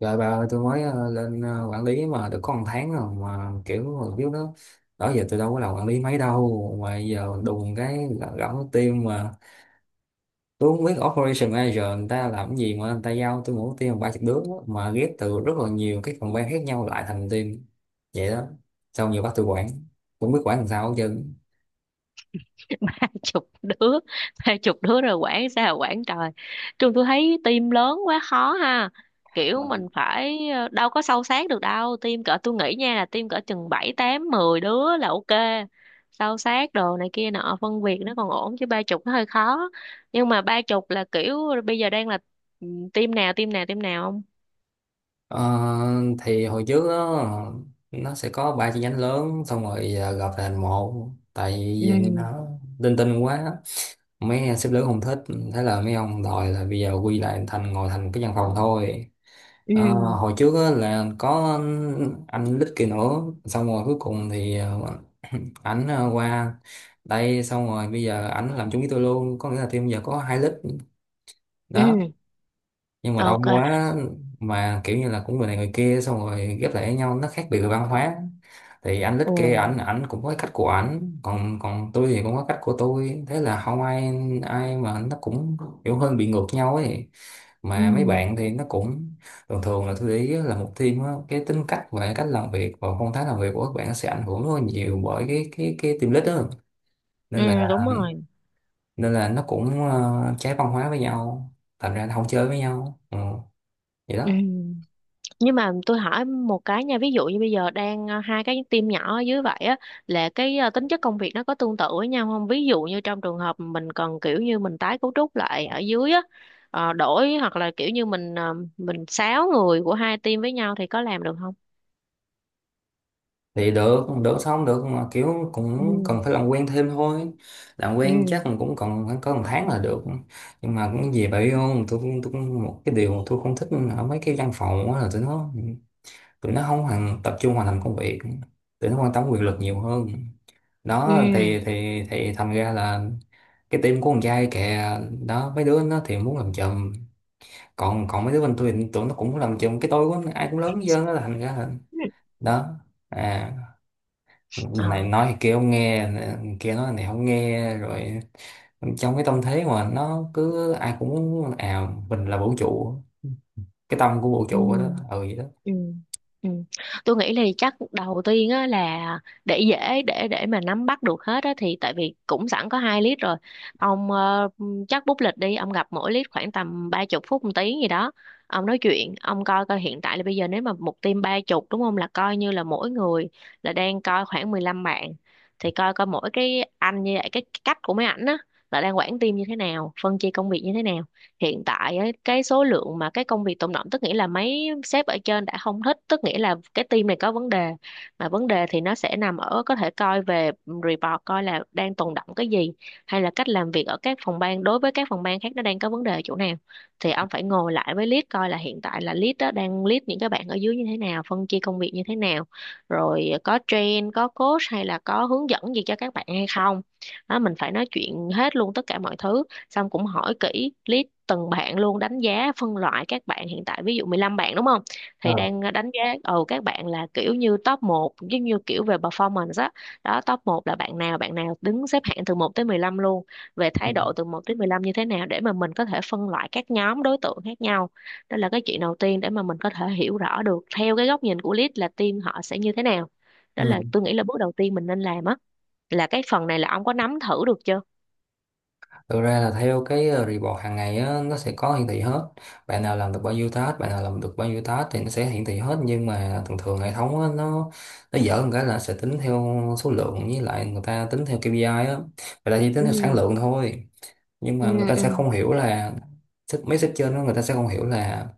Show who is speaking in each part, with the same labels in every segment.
Speaker 1: Rồi bà ơi, tôi mới lên quản lý mà được có 1 tháng rồi mà kiểu mà biết đó, đó giờ tôi đâu có làm quản lý mấy đâu mà giờ đùng cái gõ team mà tôi không biết operation manager người ta làm cái gì mà người ta giao tôi mỗi team 30 đứa mà ghép từ rất là nhiều cái phòng ban khác nhau lại thành team vậy đó. Xong giờ bắt tôi quản, cũng biết quản làm sao hết trơn.
Speaker 2: Ba chục đứa, ba chục đứa rồi quản sao quản trời. Trường tôi thấy team lớn quá khó ha, kiểu mình
Speaker 1: Vâng.
Speaker 2: phải đâu có sâu sát được đâu. Team cỡ tôi nghĩ nha là team cỡ chừng bảy tám 10 đứa là ok. Sâu sát đồ này kia nọ, phân việc nó còn ổn, chứ ba chục nó hơi khó. Nhưng mà ba chục là kiểu bây giờ đang là ừ, team nào team nào team nào không.
Speaker 1: Ờ, thì hồi trước đó, nó sẽ có 3 chi nhánh lớn xong rồi giờ gộp thành một, tại
Speaker 2: Ừ.
Speaker 1: vì nó linh tinh quá, mấy sếp lớn không thích, thế là mấy ông đòi là bây giờ quy lại thành ngồi thành cái văn phòng thôi.
Speaker 2: Ừ.
Speaker 1: Hồi trước á, là có anh Lít kia nữa xong rồi cuối cùng thì ảnh qua đây xong rồi bây giờ ảnh làm chung với tôi luôn, có nghĩa là team giờ có hai Lít đó.
Speaker 2: Ừ.
Speaker 1: Nhưng mà
Speaker 2: Ok.
Speaker 1: đông quá, mà kiểu như là cũng người này người kia xong rồi ghép lại với nhau nó khác biệt về văn hóa. Thì anh lít
Speaker 2: Ồ.
Speaker 1: kia ảnh ảnh cũng có cái cách của ảnh, còn còn tôi thì cũng có cách của tôi, thế là không ai ai mà nó cũng kiểu hơi bị ngược nhau ấy.
Speaker 2: Ừ.
Speaker 1: Mà mấy bạn thì nó cũng thường thường là tôi để ý á, là một team á, cái tính cách và cách làm việc và phong thái làm việc của các bạn sẽ ảnh hưởng rất là nhiều bởi cái team lead đó. nên là
Speaker 2: Ừ, đúng rồi.
Speaker 1: nên là nó cũng trái văn hóa với nhau, thành ra nó không chơi với nhau. Ừ, vậy
Speaker 2: Ừ,
Speaker 1: đó.
Speaker 2: nhưng mà tôi hỏi một cái nha, ví dụ như bây giờ đang hai cái team nhỏ ở dưới vậy á, là cái tính chất công việc nó có tương tự với nhau không? Ví dụ như trong trường hợp mình cần, kiểu như mình tái cấu trúc lại ở dưới á, đổi hoặc là kiểu như mình sáu người của hai team với nhau, thì có làm được không?
Speaker 1: Thì được, được sao không được, mà kiểu
Speaker 2: Ừ.
Speaker 1: cũng cần phải làm quen thêm thôi. Làm quen
Speaker 2: Ừ.
Speaker 1: chắc là cũng còn khoảng có 1 tháng là được. Nhưng mà cũng gì vậy không, một cái điều mà tôi không thích ở mấy cái văn phòng á là tụi nó không hoàn tập trung vào làm công việc, tụi nó quan tâm quyền lực nhiều hơn. Đó
Speaker 2: Ừ.
Speaker 1: thì thành ra là cái team của con trai kìa, đó mấy đứa nó thì muốn làm chùm, còn còn mấy đứa bên tôi thì tụi nó cũng muốn làm chùm, cái tôi của nó ai cũng lớn hết trơn đó, thành ra là
Speaker 2: Ừ.
Speaker 1: đó. À, này
Speaker 2: Ờ.
Speaker 1: nói thì kia không nghe, kia nói này không nghe rồi. Trong cái tâm thế mà nó cứ ai cũng à mình là vũ trụ, cái tâm của vũ
Speaker 2: Ừ.
Speaker 1: trụ đó. Ừ vậy đó.
Speaker 2: Ừ. Ừ. Tôi nghĩ là chắc đầu tiên á là, để dễ để mà nắm bắt được hết á, thì tại vì cũng sẵn có hai lít rồi, ông chắc bút lịch đi, ông gặp mỗi lít khoảng tầm 30 phút một tiếng gì đó. Ông nói chuyện ông coi coi hiện tại là bây giờ nếu mà một team ba chục đúng không, là coi như là mỗi người là đang coi khoảng 15 bạn. Thì coi coi mỗi cái anh như vậy, cái cách của mấy ảnh á là đang quản team như thế nào, phân chia công việc như thế nào. Hiện tại ấy, cái số lượng mà cái công việc tồn đọng, tức nghĩa là mấy sếp ở trên đã không thích, tức nghĩa là cái team này có vấn đề. Mà vấn đề thì nó sẽ nằm ở, có thể coi về report coi là đang tồn đọng cái gì, hay là cách làm việc ở các phòng ban đối với các phòng ban khác nó đang có vấn đề ở chỗ nào. Thì ông phải ngồi lại với lead, coi là hiện tại là lead đó đang lead những cái bạn ở dưới như thế nào, phân chia công việc như thế nào, rồi có train có coach hay là có hướng dẫn gì cho các bạn hay không. Đó, mình phải nói chuyện hết luôn tất cả mọi thứ, xong cũng hỏi kỹ list từng bạn luôn, đánh giá phân loại các bạn hiện tại, ví dụ 15 bạn đúng không, thì
Speaker 1: Ờ.
Speaker 2: đang đánh giá ừ các bạn là kiểu như top một, giống như kiểu về performance á. Đó. Top một là bạn nào, bạn nào đứng xếp hạng từ một tới 15 luôn, về
Speaker 1: Ừ.
Speaker 2: thái độ từ một tới 15 như thế nào, để mà mình có thể phân loại các nhóm đối tượng khác nhau. Đó là cái chuyện đầu tiên để mà mình có thể hiểu rõ được theo cái góc nhìn của lead là team họ sẽ như thế nào. Đó là
Speaker 1: Ừ.
Speaker 2: tôi nghĩ là bước đầu tiên mình nên làm á, là cái phần này là ông có nắm thử được chưa?
Speaker 1: Thực ra là theo cái report hàng ngày á, nó sẽ có hiển thị hết, bạn nào làm được bao nhiêu task, bạn nào làm được bao nhiêu task thì nó sẽ hiển thị hết. Nhưng mà thường thường hệ thống á, nó dở một cái là sẽ tính theo số lượng, với lại người ta tính theo KPI á, người ta chỉ
Speaker 2: Ừ.
Speaker 1: tính theo sản lượng thôi. Nhưng
Speaker 2: Ừ.
Speaker 1: mà người ta
Speaker 2: Ừ.
Speaker 1: sẽ không hiểu là sách mấy sách trên đó người ta sẽ không hiểu là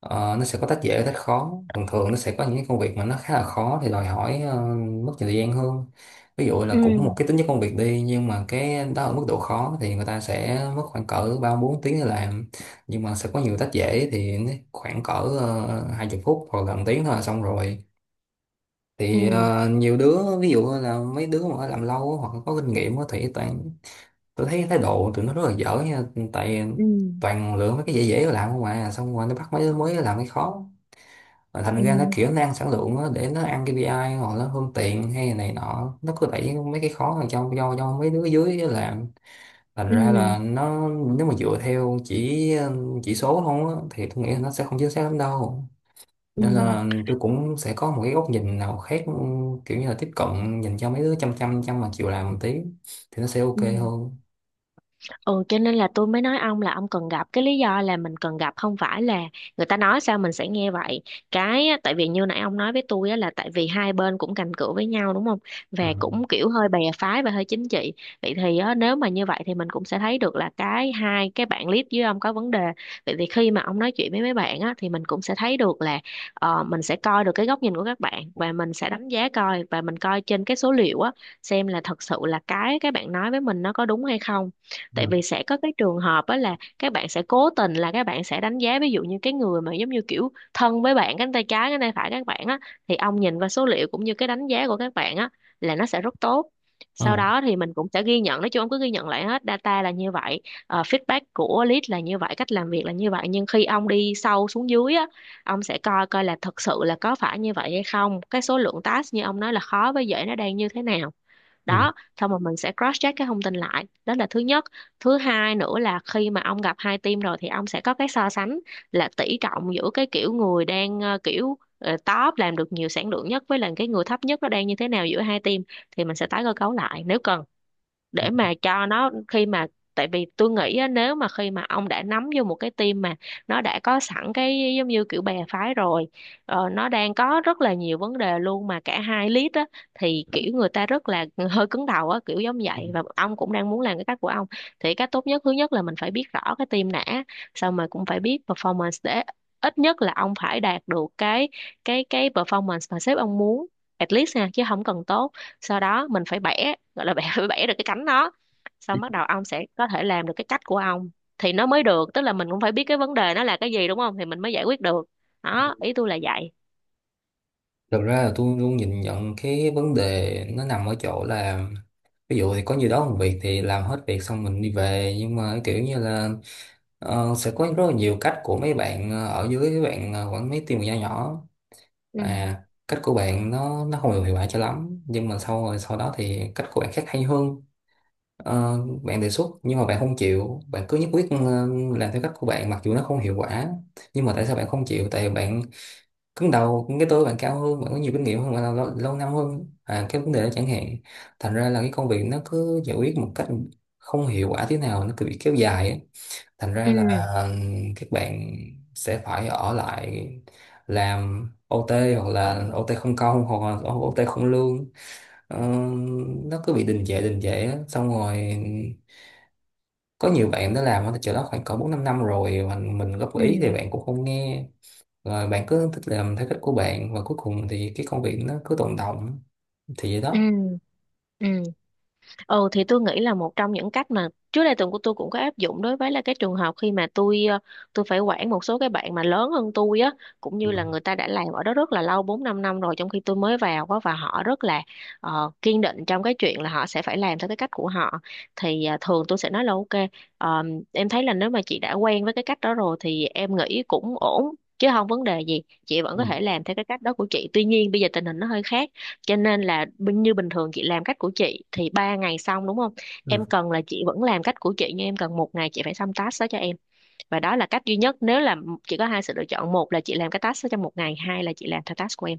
Speaker 1: nó sẽ có tách dễ tách khó. Thường thường nó sẽ có những cái công việc mà nó khá là khó thì đòi hỏi mất nhiều thời gian hơn. Ví dụ
Speaker 2: Ừ.
Speaker 1: là cũng một cái tính chất công việc đi nhưng mà cái đó ở mức độ khó thì người ta sẽ mất khoảng cỡ 3 4 tiếng để làm. Nhưng mà sẽ có nhiều tách dễ thì nó khoảng cỡ 20 phút hoặc gần tiếng thôi là xong rồi. Thì
Speaker 2: Ừ.
Speaker 1: nhiều đứa ví dụ là mấy đứa mà làm lâu hoặc có kinh nghiệm á, thì toàn, tôi thấy thái độ tụi nó rất là dở nha, tại
Speaker 2: Ừ.
Speaker 1: toàn lựa mấy cái dễ dễ làm không à, xong rồi nó bắt mấy đứa mới làm cái khó. Mà thành
Speaker 2: Ừ.
Speaker 1: ra nó kiểu nó ăn sản lượng á, để nó ăn KPI hoặc nó hơn tiền hay này nọ, nó cứ đẩy mấy cái khó vào cho mấy đứa dưới làm. Thành
Speaker 2: Ừ.
Speaker 1: ra
Speaker 2: Ừ.
Speaker 1: là nó nếu mà dựa theo chỉ số không á, thì tôi nghĩ là nó sẽ không chính xác lắm đâu.
Speaker 2: Ừ.
Speaker 1: Nên là tôi cũng sẽ có một cái góc nhìn nào khác, kiểu như là tiếp cận nhìn cho mấy đứa chăm chăm chăm mà chịu làm một tí thì nó sẽ ok
Speaker 2: Ừ.
Speaker 1: hơn.
Speaker 2: Ừ cho nên là tôi mới nói ông là ông cần gặp. Cái lý do là mình cần gặp, không phải là người ta nói sao mình sẽ nghe vậy. Cái á, tại vì như nãy ông nói với tôi á, là tại vì hai bên cũng cành cửa với nhau đúng không,
Speaker 1: Ừ.
Speaker 2: và cũng kiểu hơi bè phái và hơi chính trị. Vậy thì á, nếu mà như vậy thì mình cũng sẽ thấy được là cái hai cái bạn lead với ông có vấn đề. Vậy thì khi mà ông nói chuyện với mấy bạn á, thì mình cũng sẽ thấy được là mình sẽ coi được cái góc nhìn của các bạn, và mình sẽ đánh giá coi, và mình coi trên cái số liệu á, xem là thật sự là cái bạn nói với mình nó có đúng hay không. Tại vì sẽ có cái trường hợp á là các bạn sẽ cố tình, là các bạn sẽ đánh giá ví dụ như cái người mà giống như kiểu thân với bạn, cánh tay trái cánh tay phải các bạn á, thì ông nhìn vào số liệu cũng như cái đánh giá của các bạn á, là nó sẽ rất tốt. Sau
Speaker 1: Ừ.
Speaker 2: đó thì mình cũng sẽ ghi nhận, nói chung ông cứ ghi nhận lại hết data là như vậy, feedback của lead là như vậy, cách làm việc là như vậy, nhưng khi ông đi sâu xuống dưới á, ông sẽ coi coi là thật sự là có phải như vậy hay không, cái số lượng task như ông nói là khó với dễ nó đang như thế nào.
Speaker 1: Ừ.
Speaker 2: Đó, xong rồi mình sẽ cross check cái thông tin lại, đó là thứ nhất. Thứ hai nữa là khi mà ông gặp hai team rồi, thì ông sẽ có cái so sánh là tỷ trọng giữa cái kiểu người đang kiểu top làm được nhiều sản lượng nhất với là cái người thấp nhất, nó đang như thế nào giữa hai team, thì mình sẽ tái cơ cấu lại nếu cần. Để mà cho nó, khi mà, tại vì tôi nghĩ á, nếu mà khi mà ông đã nắm vô một cái team mà nó đã có sẵn cái giống như kiểu bè phái rồi, nó đang có rất là nhiều vấn đề luôn, mà cả hai lead á, thì kiểu người ta rất là hơi cứng đầu á kiểu giống vậy, và ông cũng đang muốn làm cái cách của ông. Thì cách tốt nhất, thứ nhất là mình phải biết rõ cái team đã, xong rồi cũng phải biết performance, để ít nhất là ông phải đạt được cái performance mà sếp ông muốn, at least nha, chứ không cần tốt. Sau đó mình phải bẻ, gọi là bẻ, phải bẻ được cái cánh nó, xong bắt đầu ông sẽ có thể làm được cái cách của ông, thì nó mới được. Tức là mình cũng phải biết cái vấn đề nó là cái gì đúng không, thì mình mới giải quyết được. Đó, ý tôi là vậy.
Speaker 1: Thực ra là tôi luôn nhìn nhận cái vấn đề nó nằm ở chỗ là ví dụ thì có nhiều đó công việc thì làm hết việc xong mình đi về, nhưng mà kiểu như là sẽ có rất là nhiều cách của mấy bạn ở dưới, mấy bạn quản mấy team nhỏ nhỏ.
Speaker 2: Ừ.
Speaker 1: À, cách của bạn nó không được hiệu quả cho lắm, nhưng mà sau rồi sau đó thì cách của bạn khác hay hơn. Ờ, Bạn đề xuất nhưng mà bạn không chịu, bạn cứ nhất quyết làm theo cách của bạn mặc dù nó không hiệu quả. Nhưng mà tại sao bạn không chịu, tại bạn cứng đầu, cũng cái tôi bạn cao hơn, bạn có nhiều kinh nghiệm hơn, bạn là lâu, lâu năm hơn, à cái vấn đề đó chẳng hạn. Thành ra là cái công việc nó cứ giải quyết một cách không hiệu quả, thế nào nó cứ bị kéo dài ấy. Thành ra
Speaker 2: Ừ.
Speaker 1: là ừm, các bạn sẽ phải ở lại làm OT, hoặc là OT không công hoặc là OT không lương. Ờ, nó cứ bị đình trệ á. Xong rồi có nhiều bạn đã làm ở chỗ đó khoảng cỡ 4 5 năm rồi mà mình góp
Speaker 2: Ừ.
Speaker 1: ý thì bạn cũng không nghe, rồi bạn cứ thích làm theo cách của bạn và cuối cùng thì cái công việc nó cứ tồn đọng. Thì vậy
Speaker 2: Ừ.
Speaker 1: đó.
Speaker 2: Ừ. Ừ thì tôi nghĩ là một trong những cách mà trước đây tuần của tôi cũng có áp dụng, đối với là cái trường hợp khi mà tôi tôi phải quản một số cái bạn mà lớn hơn tôi á, cũng như
Speaker 1: Ừ.
Speaker 2: là người ta đã làm ở đó rất là lâu, 4 5 năm rồi, trong khi tôi mới vào á, và họ rất là kiên định trong cái chuyện là họ sẽ phải làm theo cái cách của họ. Thì thường tôi sẽ nói là ok, ờ, em thấy là nếu mà chị đã quen với cái cách đó rồi thì em nghĩ cũng ổn, chứ không vấn đề gì, chị vẫn
Speaker 1: Ừ.
Speaker 2: có thể làm theo cái cách đó của chị, tuy nhiên bây giờ tình hình nó hơi khác. Cho nên là như bình thường chị làm cách của chị thì 3 ngày xong đúng không, em
Speaker 1: Ừ.
Speaker 2: cần là chị vẫn làm cách của chị, nhưng em cần 1 ngày chị phải xong task đó cho em. Và đó là cách duy nhất, nếu là chị có hai sự lựa chọn, một là chị làm cái task đó trong 1 ngày, hai là chị làm theo task của em.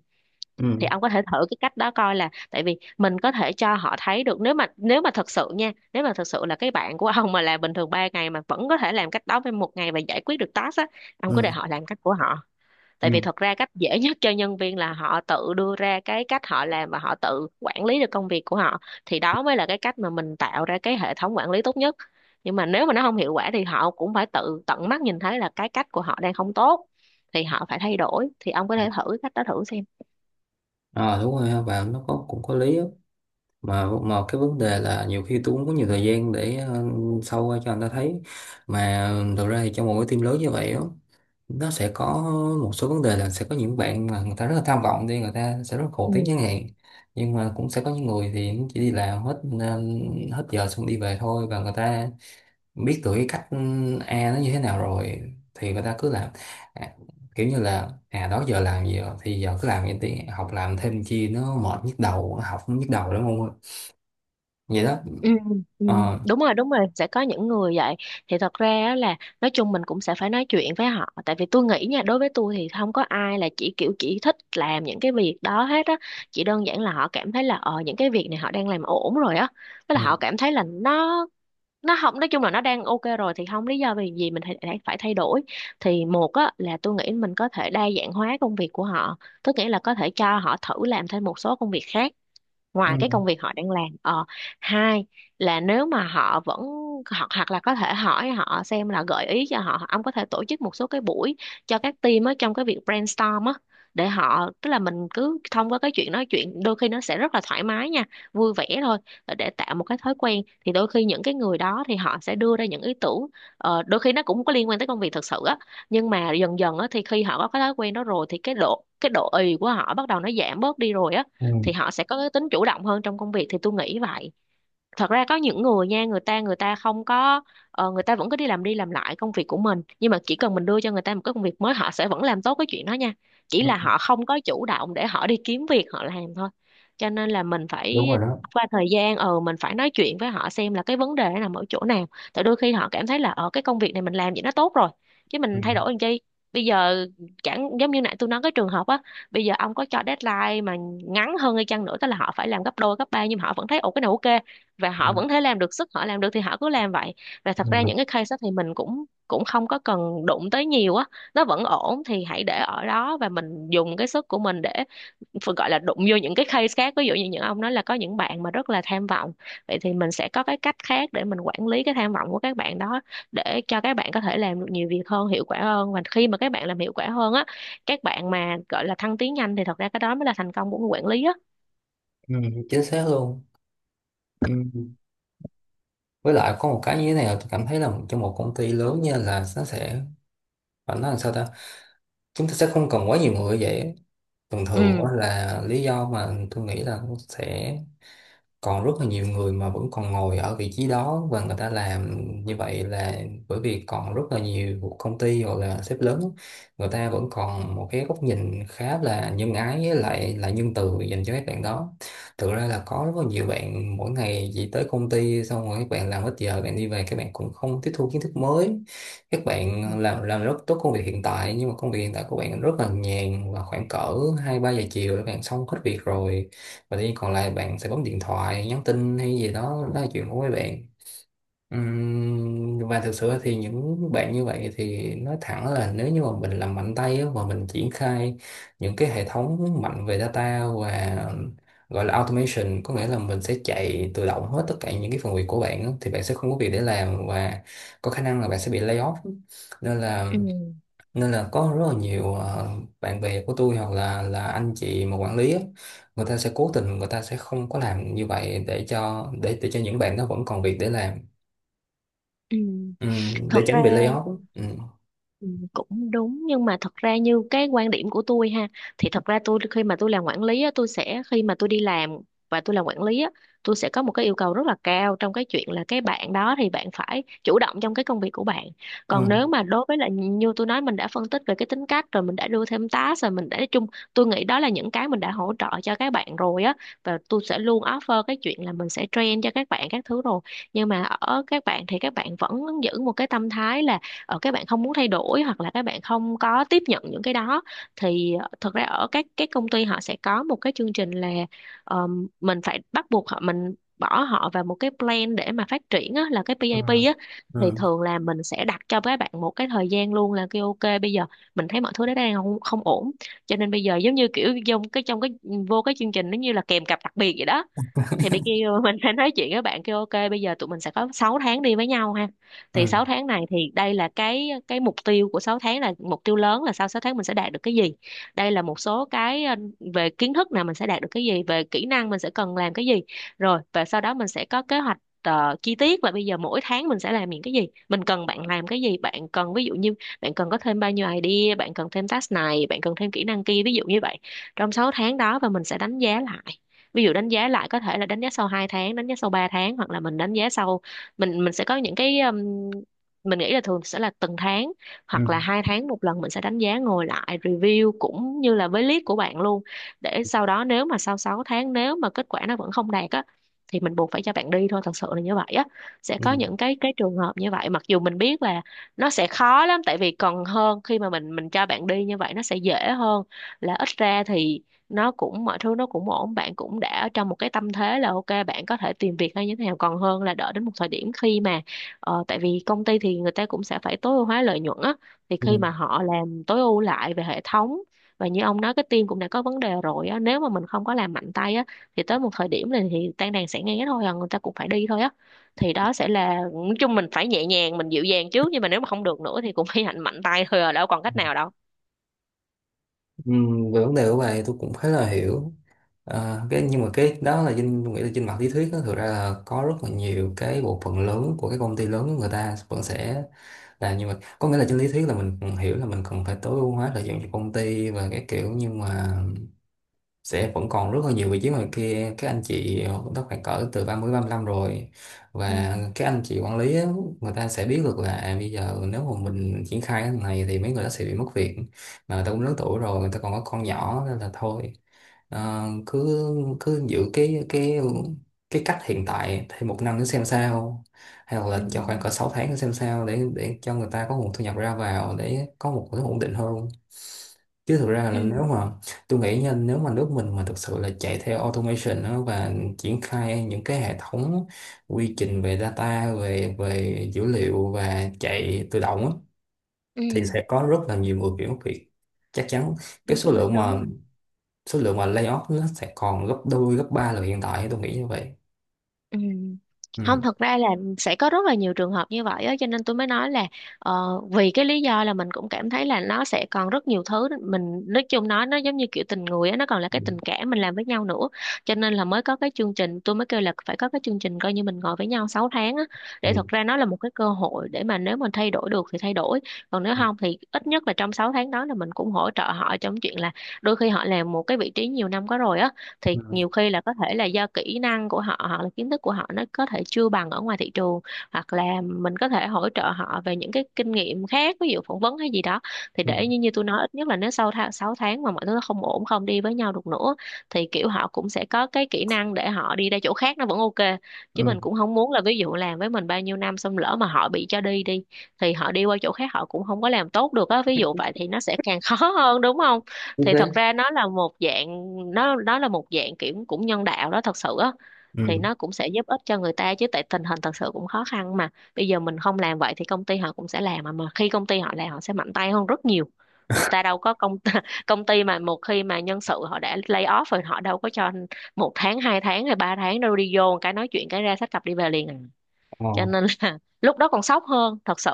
Speaker 2: Thì
Speaker 1: Ừ.
Speaker 2: ông có thể thử cái cách đó coi, là tại vì mình có thể cho họ thấy được, nếu mà thật sự nha, nếu mà thật sự là cái bạn của ông mà làm bình thường 3 ngày, mà vẫn có thể làm cách đó với 1 ngày và giải quyết được task á, ông cứ để
Speaker 1: Ừ.
Speaker 2: họ làm cách của họ. Tại vì
Speaker 1: Ừ.
Speaker 2: thật ra cách dễ nhất cho nhân viên là họ tự đưa ra cái cách họ làm, và họ tự quản lý được công việc của họ. Thì đó mới là cái cách mà mình tạo ra cái hệ thống quản lý tốt nhất. Nhưng mà nếu mà nó không hiệu quả thì họ cũng phải tự tận mắt nhìn thấy là cái cách của họ đang không tốt, thì họ phải thay đổi. Thì ông có thể thử cách đó thử xem.
Speaker 1: À đúng rồi ha, bạn nó có cũng có lý á. Mà cái vấn đề là nhiều khi tôi cũng có nhiều thời gian để sâu ra cho anh ta thấy. Mà thực ra thì trong một cái team lớn như vậy á, nó sẽ có một số vấn đề là sẽ có những bạn mà người ta rất là tham vọng đi, người ta sẽ rất là khổ
Speaker 2: Ừ.
Speaker 1: tiếng chẳng hạn. Nhưng mà cũng sẽ có những người thì chỉ đi làm hết hết giờ xong đi về thôi, và người ta biết được cái cách ừ, A nó như thế nào rồi thì người ta cứ làm. À, kiểu như là à đó giờ làm gì rồi thì giờ cứ làm vậy đi, học làm thêm chi nó mệt nhức đầu, học cũng nhức đầu đúng không. Vậy đó.
Speaker 2: Ừ, ừ,
Speaker 1: Ờ.
Speaker 2: đúng rồi, đúng rồi, sẽ có những người vậy. Thì thật ra á là nói chung mình cũng sẽ phải nói chuyện với họ, tại vì tôi nghĩ nha, đối với tôi thì không có ai là chỉ kiểu chỉ thích làm những cái việc đó hết á. Chỉ đơn giản là họ cảm thấy là những cái việc này họ đang làm ổn rồi á, với là họ
Speaker 1: Ừ.
Speaker 2: cảm thấy là nó không, nói chung là nó đang ok rồi thì không lý do vì gì mình phải phải thay đổi. Thì một á là tôi nghĩ mình có thể đa dạng hóa công việc của họ, tức nghĩa là có thể cho họ thử làm thêm một số công việc khác
Speaker 1: Ừ.
Speaker 2: ngoài cái công việc họ đang làm. Ờ Hai là nếu mà họ vẫn, hoặc hoặc là có thể hỏi họ xem, là gợi ý cho họ ông có thể tổ chức một số cái buổi cho các team á, trong cái việc brainstorm á, để họ, tức là mình cứ thông qua cái chuyện nói chuyện, đôi khi nó sẽ rất là thoải mái nha, vui vẻ thôi, để tạo một cái thói quen. Thì đôi khi những cái người đó thì họ sẽ đưa ra những ý tưởng, đôi khi nó cũng có liên quan tới công việc thực sự á. Nhưng mà dần dần á, thì khi họ có cái thói quen đó rồi thì cái độ ì của họ bắt đầu nó giảm bớt đi rồi á,
Speaker 1: Ừ.
Speaker 2: thì họ sẽ có cái tính chủ động hơn trong công việc, thì tôi nghĩ vậy. Thật ra có những người nha, người ta không có, người ta vẫn cứ đi làm lại công việc của mình, nhưng mà chỉ cần mình đưa cho người ta một cái công việc mới họ sẽ vẫn làm tốt cái chuyện đó nha. Chỉ là
Speaker 1: Ừ,
Speaker 2: họ không có chủ động để họ đi kiếm việc họ làm thôi. Cho nên là mình
Speaker 1: đúng
Speaker 2: phải
Speaker 1: rồi đó.
Speaker 2: qua thời gian, mình phải nói chuyện với họ xem là cái vấn đề nó nằm ở chỗ nào. Tại đôi khi họ cảm thấy là cái công việc này mình làm vậy nó tốt rồi, chứ
Speaker 1: Ừ.
Speaker 2: mình thay đổi làm chi bây giờ. Chẳng giống như nãy tôi nói cái trường hợp á, bây giờ ông có cho deadline mà ngắn hơn hay chăng nữa, tức là họ phải làm gấp đôi gấp ba, nhưng mà họ vẫn thấy ồ cái này ok, và
Speaker 1: Ừ.
Speaker 2: họ vẫn thấy làm được, sức họ làm được thì họ cứ làm vậy. Và thật ra
Speaker 1: Ừ.
Speaker 2: những cái case đó thì mình cũng cũng không có cần đụng tới nhiều á, nó vẫn ổn thì hãy để ở đó và mình dùng cái sức của mình để, phải gọi là đụng vô những cái case khác, ví dụ như những ông nói là có những bạn mà rất là tham vọng. Vậy thì mình sẽ có cái cách khác để mình quản lý cái tham vọng của các bạn đó, để cho các bạn có thể làm được nhiều việc hơn, hiệu quả hơn. Và khi mà các bạn làm hiệu quả hơn á, các bạn mà gọi là thăng tiến nhanh, thì thật ra cái đó mới là thành công của người quản lý á.
Speaker 1: Ừ, chính xác luôn. Ừ, với lại có một cái như thế này là tôi cảm thấy là trong một công ty lớn nha, là nó sẽ phải nói làm sao ta, chúng ta sẽ không cần quá nhiều người vậy. Thường thường
Speaker 2: Ừ,
Speaker 1: á là lý do mà tôi nghĩ là nó sẽ còn rất là nhiều người mà vẫn còn ngồi ở vị trí đó và người ta làm như vậy là bởi vì còn rất là nhiều công ty hoặc là sếp lớn người ta vẫn còn một cái góc nhìn khá là nhân ái với lại là nhân từ dành cho các bạn đó. Thực ra là có rất là nhiều bạn mỗi ngày chỉ tới công ty xong rồi các bạn làm hết giờ bạn đi về, các bạn cũng không tiếp thu kiến thức mới. các
Speaker 2: ừ,
Speaker 1: bạn làm làm rất tốt công việc hiện tại nhưng mà công việc hiện tại của bạn rất là nhàn, và khoảng cỡ 2 3 giờ chiều các bạn xong hết việc rồi, và thì còn lại bạn sẽ bấm điện thoại, nhắn tin hay gì đó, đó là chuyện của mấy bạn. Và thực sự thì những bạn như vậy thì nói thẳng là nếu như mà mình làm mạnh tay á, mà mình triển khai những cái hệ thống mạnh về data và gọi là automation, có nghĩa là mình sẽ chạy tự động hết tất cả những cái phần việc của bạn á, thì bạn sẽ không có việc để làm, và có khả năng là bạn sẽ bị lay off. Nên là
Speaker 2: ừ,
Speaker 1: có rất là nhiều bạn bè của tôi hoặc là anh chị mà quản lý á, người ta sẽ cố tình, người ta sẽ không có làm như vậy để cho để cho những bạn đó vẫn còn việc để làm.
Speaker 2: ừ.
Speaker 1: Ừ, để
Speaker 2: Thật ra,
Speaker 1: tránh bị layoff. Ừ.
Speaker 2: ừ, cũng đúng, nhưng mà thật ra như cái quan điểm của tôi ha, thì thật ra tôi, khi mà tôi làm quản lý á, tôi sẽ, khi mà tôi đi làm và tôi làm quản lý á, tôi sẽ có một cái yêu cầu rất là cao trong cái chuyện là cái bạn đó thì bạn phải chủ động trong cái công việc của bạn.
Speaker 1: Ừ.
Speaker 2: Còn nếu mà đối với là như tôi nói, mình đã phân tích về cái tính cách rồi, mình đã đưa thêm task rồi, mình đã nói chung, tôi nghĩ đó là những cái mình đã hỗ trợ cho các bạn rồi á. Và tôi sẽ luôn offer cái chuyện là mình sẽ train cho các bạn các thứ rồi. Nhưng mà ở các bạn thì các bạn vẫn giữ một cái tâm thái là, các bạn không muốn thay đổi, hoặc là các bạn không có tiếp nhận những cái đó. Thì thật ra ở các công ty họ sẽ có một cái chương trình là, ờ, mình phải bắt buộc họ, mình bỏ họ vào một cái plan để mà phát triển á, là cái
Speaker 1: Ừ.
Speaker 2: PAP á. Thì
Speaker 1: Ừ.
Speaker 2: thường là mình sẽ đặt cho các bạn một cái thời gian luôn, là kêu ok bây giờ mình thấy mọi thứ đó đang không ổn, cho nên bây giờ giống như kiểu trong cái, vô cái chương trình, nó như là kèm cặp đặc biệt vậy đó. Thì bị kêu mình phải nói chuyện với bạn, kêu ok bây giờ tụi mình sẽ có 6 tháng đi với nhau ha. Thì
Speaker 1: Ừ.
Speaker 2: 6 tháng này thì đây là cái mục tiêu của 6 tháng, là mục tiêu lớn là sau 6 tháng mình sẽ đạt được cái gì. Đây là một số cái, về kiến thức nào mình sẽ đạt được cái gì, về kỹ năng mình sẽ cần làm cái gì. Rồi và sau đó mình sẽ có kế hoạch chi tiết là bây giờ mỗi tháng mình sẽ làm những cái gì, mình cần bạn làm cái gì, bạn cần ví dụ như bạn cần có thêm bao nhiêu idea, bạn cần thêm task này, bạn cần thêm kỹ năng kia, ví dụ như vậy trong 6 tháng đó. Và mình sẽ đánh giá lại, ví dụ đánh giá lại có thể là đánh giá sau 2 tháng, đánh giá sau 3 tháng, hoặc là mình đánh giá sau, mình sẽ có những cái, mình nghĩ là thường sẽ là từng tháng,
Speaker 1: Ừ.
Speaker 2: hoặc là 2 tháng một lần mình sẽ đánh giá, ngồi lại review cũng như là với lead của bạn luôn. Để sau đó nếu mà sau 6 tháng nếu mà kết quả nó vẫn không đạt á, thì mình buộc phải cho bạn đi thôi, thật sự là như vậy á. Sẽ
Speaker 1: Ừ.
Speaker 2: có những cái trường hợp như vậy, mặc dù mình biết là nó sẽ khó lắm, tại vì còn hơn khi mà mình cho bạn đi như vậy nó sẽ dễ hơn. Là ít ra thì nó cũng, mọi thứ nó cũng ổn, bạn cũng đã ở trong một cái tâm thế là ok bạn có thể tìm việc hay như thế nào, còn hơn là đợi đến một thời điểm khi mà, tại vì công ty thì người ta cũng sẽ phải tối ưu hóa lợi nhuận á, thì khi mà họ làm tối ưu lại về hệ thống, và như ông nói cái team cũng đã có vấn đề rồi á, nếu mà mình không có làm mạnh tay á, thì tới một thời điểm này thì tan đàn sẽ nghe thôi à, người ta cũng phải đi thôi á. Thì đó sẽ là, nói chung mình phải nhẹ nhàng, mình dịu dàng trước, nhưng mà nếu mà không được nữa thì cũng phải hành mạnh tay thôi à, đâu còn cách
Speaker 1: Ừ.
Speaker 2: nào đâu.
Speaker 1: Về vấn đề của bạn thì tôi cũng khá là hiểu. À, cái nhưng mà cái đó là trên tôi nghĩ là trên mặt lý thuyết đó, thực ra là có rất là nhiều cái bộ phận lớn của các công ty lớn người ta vẫn sẽ là, nhưng mà có nghĩa là trên lý thuyết là mình cần hiểu là mình cần phải tối ưu hóa lợi dụng cho công ty và cái kiểu. Nhưng mà sẽ vẫn còn rất là nhiều vị trí ngoài kia, các anh chị đó khoảng cỡ từ ba 30 35 rồi,
Speaker 2: Ừ.
Speaker 1: và các anh chị quản lý á, người ta sẽ biết được là à, bây giờ nếu mà mình triển khai cái này thì mấy người đó sẽ bị mất việc, mà người ta cũng lớn tuổi rồi, người ta còn có con nhỏ nên là thôi. Ờ, cứ cứ giữ cái cách hiện tại thêm 1 năm nữa xem sao, hay
Speaker 2: Ừ.
Speaker 1: là cho khoảng cỡ 6 tháng nữa xem sao, để cho người ta có nguồn thu nhập ra vào để có một cái ổn định hơn. Chứ thực ra là nếu
Speaker 2: Ừ.
Speaker 1: mà tôi nghĩ nha, nếu mà nước mình mà thực sự là chạy theo automation đó và triển khai những cái hệ thống quy trình về data về về dữ liệu và chạy tự động á,
Speaker 2: Ừ.
Speaker 1: thì sẽ có rất là nhiều người chuyển việc, chắc chắn. Cái
Speaker 2: Đúng
Speaker 1: số
Speaker 2: rồi,
Speaker 1: lượng
Speaker 2: đúng
Speaker 1: mà
Speaker 2: rồi.
Speaker 1: số lượng mà layoff nó sẽ còn gấp đôi gấp ba lần hiện tại, tôi nghĩ như vậy.
Speaker 2: Ừ. Không,
Speaker 1: Ừ.
Speaker 2: thật ra là sẽ có rất là nhiều trường hợp như vậy á, cho nên tôi mới nói là, vì cái lý do là mình cũng cảm thấy là nó sẽ còn rất nhiều thứ, mình nói chung, nói nó giống như kiểu tình người á, nó còn là
Speaker 1: Ừ.
Speaker 2: cái tình cảm mình làm với nhau nữa. Cho nên là mới có cái chương trình, tôi mới kêu là phải có cái chương trình coi như mình ngồi với nhau 6 tháng á, để thật
Speaker 1: Ừ.
Speaker 2: ra nó là một cái cơ hội để mà nếu mình thay đổi được thì thay đổi. Còn nếu
Speaker 1: Ừ.
Speaker 2: không thì ít nhất là trong 6 tháng đó là mình cũng hỗ trợ họ trong chuyện là đôi khi họ làm một cái vị trí nhiều năm có rồi á, thì
Speaker 1: Ừ.
Speaker 2: nhiều khi là có thể là do kỹ năng của họ hoặc là kiến thức của họ nó có thể chưa bằng ở ngoài thị trường, hoặc là mình có thể hỗ trợ họ về những cái kinh nghiệm khác, ví dụ phỏng vấn hay gì đó. Thì
Speaker 1: Ừ.
Speaker 2: để như như tôi nói, ít nhất là nếu sau tháng 6 tháng mà mọi thứ nó không ổn, không đi với nhau được nữa, thì kiểu họ cũng sẽ có cái kỹ năng để họ đi ra chỗ khác nó vẫn ok. Chứ
Speaker 1: Ừ.
Speaker 2: mình cũng không muốn là ví dụ làm với mình bao nhiêu năm xong lỡ mà họ bị cho đi đi, thì họ đi qua chỗ khác họ cũng không có làm tốt được á, ví dụ vậy thì nó sẽ càng khó hơn, đúng không.
Speaker 1: Như
Speaker 2: Thì thật
Speaker 1: thế.
Speaker 2: ra nó là một dạng, nó là một dạng kiểu cũng nhân đạo đó, thật sự á.
Speaker 1: Ừ.
Speaker 2: Thì nó cũng sẽ giúp ích cho người ta chứ, tại tình hình thật sự cũng khó khăn mà. Bây giờ mình không làm vậy thì công ty họ cũng sẽ làm, mà khi công ty họ làm họ sẽ mạnh tay hơn rất nhiều. Người ta đâu có công công ty mà một khi mà nhân sự họ đã lay off rồi họ đâu có cho 1 tháng, 2 tháng hay 3 tháng đâu, đi vô một cái nói chuyện cái ra xách cặp đi về liền à.
Speaker 1: Ờ.
Speaker 2: Cho nên là lúc đó còn sốc hơn thật sự,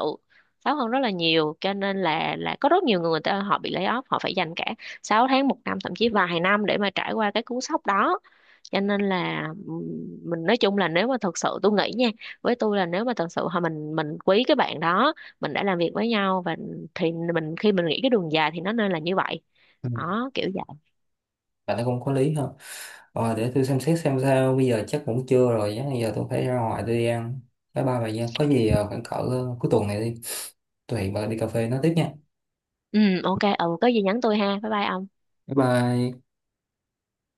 Speaker 2: sốc hơn rất là nhiều. Cho nên là có rất nhiều người, người ta họ bị lay off họ phải dành cả 6 tháng, một năm, thậm chí vài năm để mà trải qua cái cú sốc đó. Cho nên là, mình nói chung là nếu mà thật sự tôi nghĩ nha, với tôi là nếu mà thật sự họ, mình quý cái bạn đó, mình đã làm việc với nhau, và thì mình khi mình nghĩ cái đường dài thì nó nên là như vậy,
Speaker 1: Ừ.
Speaker 2: đó kiểu vậy.
Speaker 1: Bạn thấy cũng có lý ha. Ờ, để tôi xem xét xem sao, bây giờ chắc cũng trưa rồi, chắc bây giờ tôi phải ra ngoài tôi đi ăn. Bye bye bà Giang, có gì khoảng cỡ cuối tuần này đi, tôi hẹn bà đi cà phê nói tiếp nha.
Speaker 2: Ừ, ok, ừ, có gì nhắn tôi ha, bye bye ông.
Speaker 1: Bye bye.